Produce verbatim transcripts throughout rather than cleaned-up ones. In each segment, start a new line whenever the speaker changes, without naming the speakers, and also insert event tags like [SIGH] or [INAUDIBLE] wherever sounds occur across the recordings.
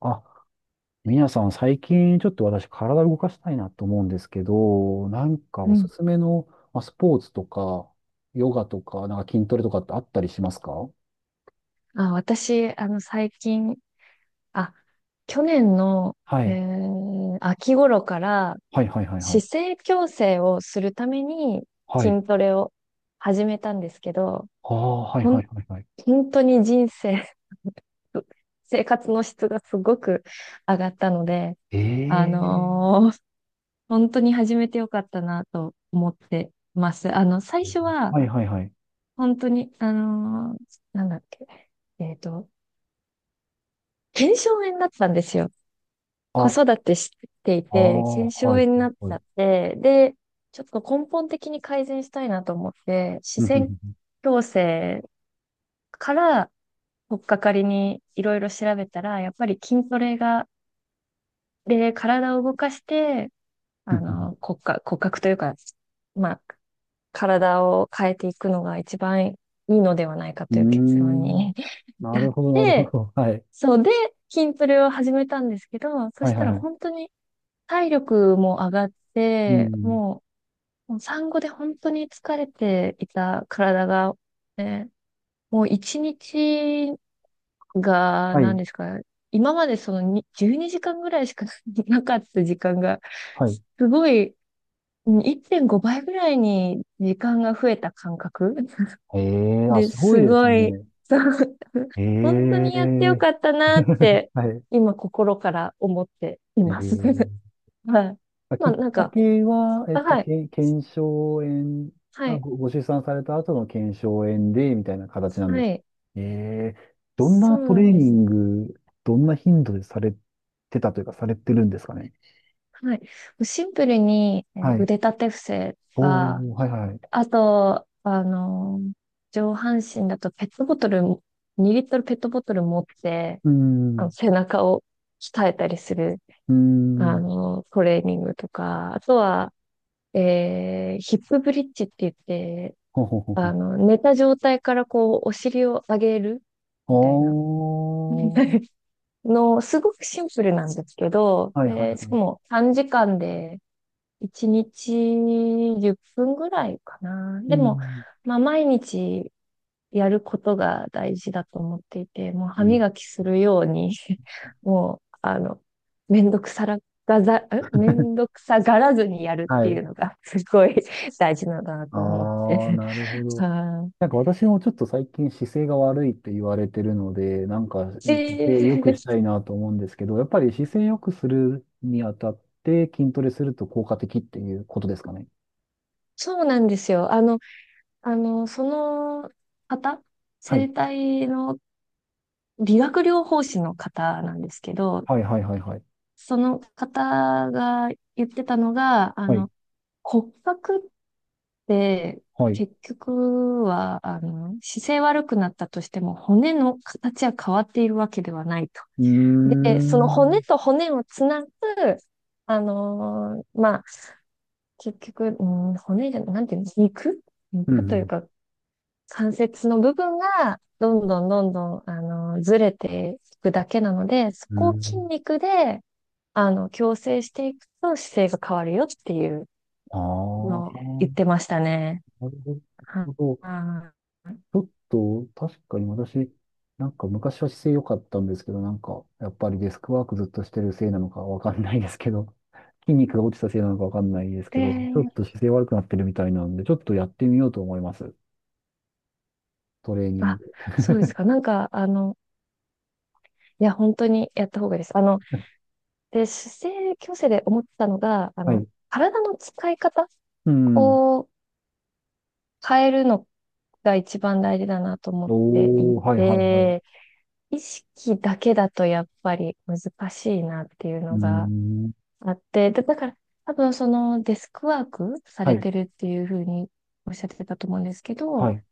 あ、皆さん、最近ちょっと私、体を動かしたいなと思うんですけど、なんか
う
おす
ん。
すめの、まあ、スポーツとか、ヨガとか、なんか筋トレとかってあったりしますか？
あ、私、あの、最近、あ、去年の、
は
え
い。
ー秋頃から、
はいはいはいはい。
姿勢矯正をするために
はい。
筋トレを始めたんですけど、
ああ、はい
ほ
は
ん、
いはいはい。
本当に人生、[LAUGHS] 生活の質がすごく上がったので、
え
あ
え
のー本当に始めてよかったなと思ってます。あの、最
ー。
初は、
はいはいはい。
本当に、あのーなんだっけ、えっと、腱鞘炎だったんですよ。子
あ、
育てしてい
あ
て、
あ、
腱鞘
はいは
炎に
い
なっち
ふ
ゃ
い。
って、で、ちょっと根本的に改善したいなと思って、視
ふんふ
線
ん、
矯正から取っかかりにいろいろ調べたら、やっぱり筋トレが、で、体を動かして、
う
あ
ん、
の、骨格、骨格というか、まあ、体を変えていくのが一番いいのではないか
んー
という結論
ん。
に [LAUGHS]
な
至っ
るほどなるほ
て、
ど。はい。
そうで、筋トレを始めたんですけど、そ
はい
し
は
た
い
ら
はい。
本当に体力も上がっ
う
て、
ん。
もう、もう産後で本当に疲れていた体が、ね、もう一日が、
は
何
い。
ですか、今までそのにじゅうにじかんぐらいしか [LAUGHS] なかった時間が、
はい。
すごい、うんいってんごばいぐらいに時間が増えた感覚
ええーあ、
で、
すごい
す
です
ごい、
ね。
そう [LAUGHS]
え
本当にやってよ
え
かったなっ
[LAUGHS]
て、
はい。
今心から思ってい
え
ます。[LAUGHS]
え、
はい。
まあ
ま
き
あ
っ
なん
か
か、
けは、えっ
あ
と、
はい。
け腱鞘炎、
は
あ、
い。
ご、ご出産された後の腱鞘炎で、みたいな形なんで
は
す。
い。
ええ、どん
そ
な
う
ト
な
レ
ん
ー
で
ニ
す。
ング、どんな頻度でされてたというか、されてるんですかね。
はい。シンプルに、えー
はい。
腕立て伏せ
お
は、
ー、はいはい。
あと、あのー上半身だとペットボトル、にリットルペットボトル持って、
うー
あ
ん、
の、背中を鍛えたりする、
うー
あ
ん、
のートレーニングとか、あとは、えーヒップブリッジって言って、
ほほほ
あ
ほ。
の、寝た状態からこう、お尻を上げる
お
みたいな。
ー、
[LAUGHS] の、すごくシンプルなんですけど、
はいはい
で、し
は
か
い。
も短時間でいちにちじゅっぷんぐらいかな。
う
でも、
ん、
まあ毎日やることが大事だと思っていて、もう
う
歯
ん、
磨きするように [LAUGHS] もう、あの、めんどくさらがざ、んめんどくさがらずにやるって
は
い
い。
うのがすごい [LAUGHS] 大事なんだな
あ
と思っ
ー、
て
なるほ
[LAUGHS]
ど。
はい
なんか私もちょっと最近姿勢が悪いって言われてるので、なんか姿勢良く
で、
したいなと思うんですけど、やっぱり姿勢良くするにあたって筋トレすると効果的っていうことですかね。
そうなんですよ。あの、あの、その方、
は
生
い。
体の理学療法士の方なんですけど、
はいはいはいはい。
その方が言ってたのが、あ
はい。
の、骨格って
はい。う
結局は、あの、姿勢悪くなったとしても骨の形は変わっているわけではないと。
ー
で、その骨
ん。
と骨をつなぐ、あのーまあ、結局、うん、骨じゃ、なんていうの、肉
う
肉という
ん。
か、関節の部分がどんどんどんどん、あの、ずれていくだけなので、そ
う
こを筋
ん。
肉で、あの、矯正していくと姿勢が変わるよっていう
あ
のを言っ
あ。
てましたね。
なる
は
ほど。ち
あ
ょっと、確かに私、なんか昔は姿勢良かったんですけど、なんか、やっぱりデスクワークずっとしてるせいなのかわかんないですけど、筋肉が落ちたせいなのかわかんないですけど、ちょっ
で、
と姿勢悪くなってるみたいなんで、ちょっとやってみようと思います。トレーニン
あ、
グ。
そうです
[LAUGHS]
か。なんか、あの、いや、本当にやった方がいいです。あの、で、姿勢矯正で思ったのが、あ
は
の、
い。
体の使い方
うん。
を変えるのが一番大事だなと思ってい
おー、はいはいはい。う
て、意識だけだとやっぱり難しいなっていう
ー
のが
ん。
あって、で、だから多分そのデスクワークさ
は
れ
い、
てるっていうふうにおっしゃってたと思うんですけ
は
ど、
い。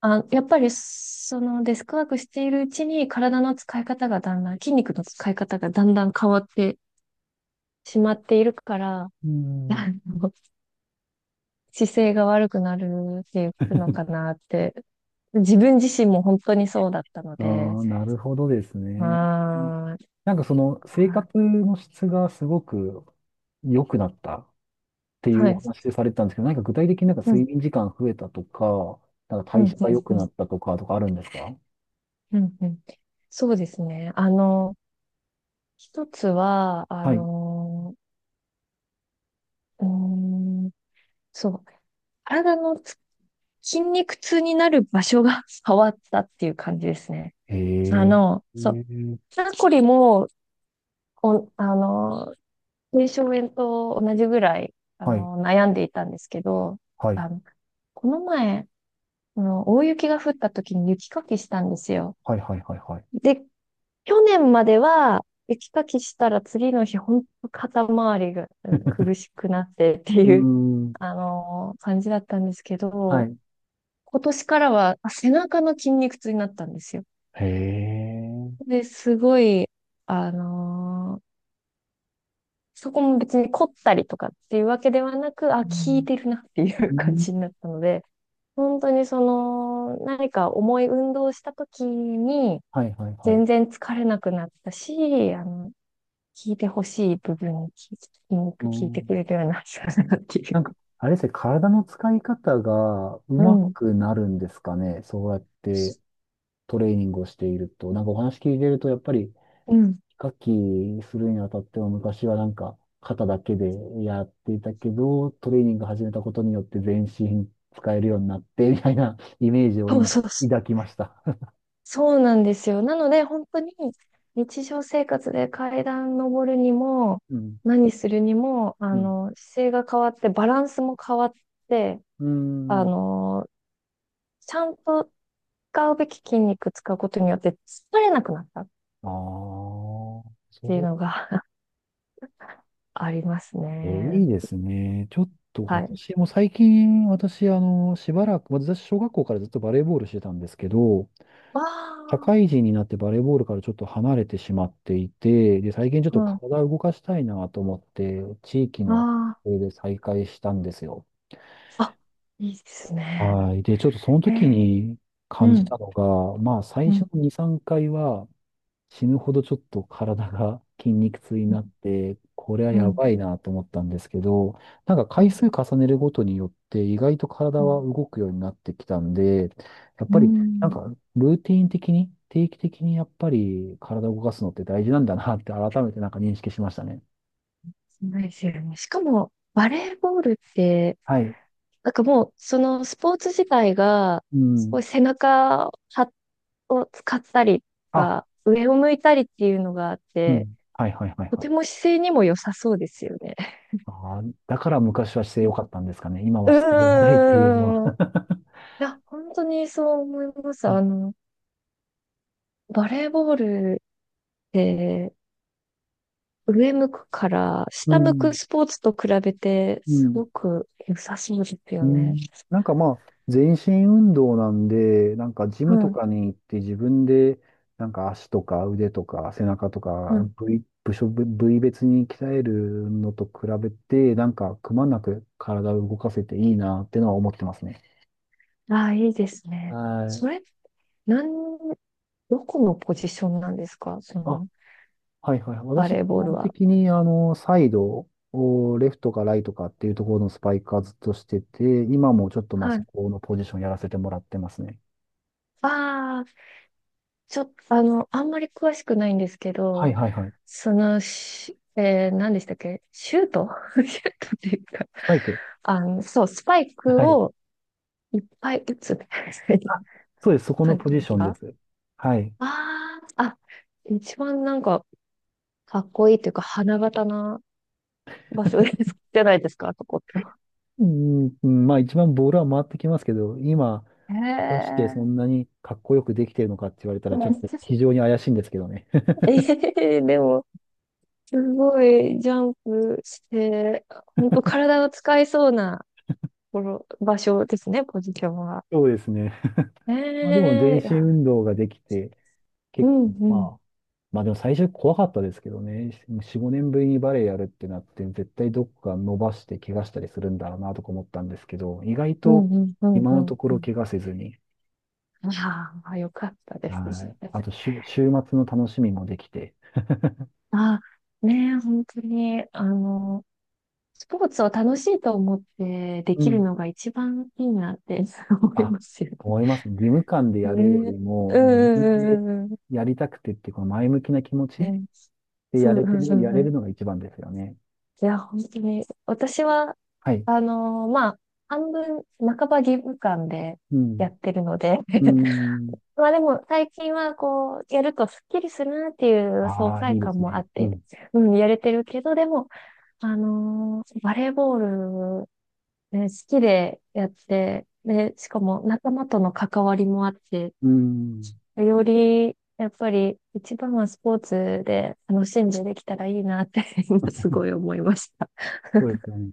あ、やっぱりそのデスクワークしているうちに体の使い方がだんだん、筋肉の使い方がだんだん変わってしまっているから、
うー
[LAUGHS]
ん。
あの姿勢が悪くなるっていうのかなって、自分自身も本当にそうだったの
あ
で、
ー、なるほどです
ま
ね。
あ、
なんかその生活の質がすごく良くなったってい
は
うお
い。
話でされてたんですけど、何か具体的になんか
うん
睡眠時間増えたとか、なんか
うんう
代
ん
謝が良く
う
なっ
ん
たとかとかあるんですか？
うんうん。そうですね。あの、一つは、あ
はい。
の、うーん、そう、体のつ筋肉痛になる場所が [LAUGHS] 変わったっていう感じですね。
へえ。
あの、
へ
そう、
え、
肩こりも、お、あの、軽症炎と同じぐらい、あ
はい。
の、悩んでいたんですけど、
はい。
あの、この前、あの、大雪が降った時に雪かきしたんですよ。
はいはいはいはい。
で、去年までは、雪かきしたら次の日、本当肩周りがうん
[LAUGHS]
苦しくなってって
うー
いう、
ん。
あのー感じだったんですけ
は
ど、
い。
今年からはあ背中の筋肉痛になったんですよ。
へえ。
で、すごい、あのーそこも別に凝ったりとかっていうわけではなく、あ、
う
効い
ん
てるなってい
う
う感
ん、
じになったので、本当にその、何か重い運動をした時に、
はいはいはい。
全然疲れなくなったし、あの、聞いてほしい部分を聞きよ
う
く聞いてく
ん、
れるような人だなってい
な
う。
んか、あれですね、体の使い方がう
う
ま
ん。
くなるんですかね。そうやっ
そ
てトレーニングをしていると。なんかお話聞いてると、やっぱり、
うん。
ヒカキンするにあたっては昔はなんか肩だけでやっていたけど、トレーニング始めたことによって全身使えるようになって、みたいなイメージを
そうそ
今
うそう。
抱きました。
そうなんですよ。なので、本当に日常生活で階段登るにも、
[LAUGHS] うん。
何するにも、あ
うん。
の、姿勢が変わって、バランスも変わって、
うー
あ
ん、
の、ちゃんと使うべき筋肉使うことによって疲れなくなったっ
ああ、そ
ていう
う。
のが [LAUGHS] あります
え、い
ね。
いですね。ちょっと
はい。
私も最近、私、あの、しばらく、私、小学校からずっとバレーボールしてたんですけど、
わ
社
あ、
会人になってバレーボールからちょっと離れてしまっていて、で、最近ちょっ
う
と
ん。あ
体を動かしたいなと思って、地域の
あ。
撮影で再開したんですよ。
あ、いいですね。
はい。で、ちょっとその
へ
時
え、
に感
う
じた
ん、
のが、まあ、最
う
初
ん、
のに、さんかいは、死ぬほどちょっと体が筋肉痛に
うん、
なって、これは
う
や
ん、
ばいなと思ったんですけど、なんか回
う
数重ねるごとによって意外と体
ん、
は動くようになってきたんで、やっ
う
ぱりなん
ん、
かルーティン的に、定期的にやっぱり体を動かすのって大事なんだなって改めてなんか認識しましたね。
そうですよね。しかも、バレーボールって、
はい。
なんかもう、そのスポーツ自体が、
う
す
ん。
ごい背中はを使ったりと
あ、
か、上を向いたりっていうのがあっ
う
て、
ん。はいはいはい
と
は
て
い。
も姿勢にも良さそうですよね。
ああ、だから昔は姿勢良かったんですかね。今
う
は姿勢がないっていうのは。
うーん。いや、本当にそう思いま
[LAUGHS]
す。
うん。
あの、バレーボールって、上向くから
う
下向く
ん。
スポーツと比べて
う
す
ん
ごく良さそうです
う
よね。
ん、なんかまあ、全身運動なんで、なんかジ
う
ムと
ん、
かに行って自分で、なんか足とか腕とか背中とか
うん。
部位、部署、部部位別に鍛えるのと比べて、なんかくまなく体を動かせていいなってのは思ってますね。
ああ、いいですね。
はい。
それ、なん、どこのポジションなんですかそ
あ、
の、
はいはい。
バ
私、基
レーボール
本
は。
的にあの、サイドをレフトかライトかっていうところのスパイカーずっとしてて、今もちょっとまあ
は
そ
い。
このポジションやらせてもらってますね。
ああ、ちょっと、あの、あんまり詳しくないんですけ
は
ど、
いはいはい。
その、しえー、何でしたっけシュート [LAUGHS] シュートっていうか、
スパイク。
あの、そう、スパイ
は
ク
い。
をいっぱい打つみたいな感じで
あ、そうです。そこの
す
ポジションで
か
す。はい。
ああ、あ、一番なんか、かっこいいというか、花形な場所です、[LAUGHS] じゃないですか、そこって。
うん、まあ一番ボールは回ってきますけど、今、
へ
果たして
え。
そんなにかっこよくできてるのかって言われたら、
め
ちょっ
っ
と
ちゃ、
非常に怪しいんですけどね。[LAUGHS]
ええでも、すごいジャンプして、本当体を使いそうなところ、場所ですね、ポジションは。
そうですね。
え
まあでも全
えい
身
や、
運動ができて、
う
結
ん、
構
う
ま
ん、
あ、まあでも最初怖かったですけどね。よん、ごねんぶりにバレエやるってなって、絶対どっか伸ばして怪我したりするんだろうなとか思ったんですけど、意外
うん、
と
うん、うん、
今
う
の
ん
とこ
う
ろ
ん。
怪我せずに、
ああ、よかったで
は
す
い。あ
ね。
と週、週末の楽しみもできて、
あ、ねえ、本当に、あのスポーツを楽しいと思ってで
う
きる
ん、
のが一番いいなって [LAUGHS] 思い
あ、
ますよ
思います。義務感で
ね。
やるよ
ね。
りも、
う
自
ん
分で
うんうん
やりたくてって、この前向きな気持
うん。う
ち
ん
で
そ
や
う
れ
う
て
んう
る、や
んう
れ
ん。い
るのが一番ですよね。
や、本当に、私は、
はい。
あのーまあ、半分、半ば義務感で
うん。
やってるので
う
[LAUGHS]
ん。
まあでも、最近はこう、やるとスッキリするなっていう爽
ああ、
快
いいで
感
す
もあ
ね。
っ
う
て、
ん。
うん、やれてるけど、でも、あのーバレーボールね、好きでやって、で、しかも仲間との関わりもあって、
うん。
より、やっぱり一番はスポーツで楽しんでできたらいいなって今すごい思いました。
そうですよね。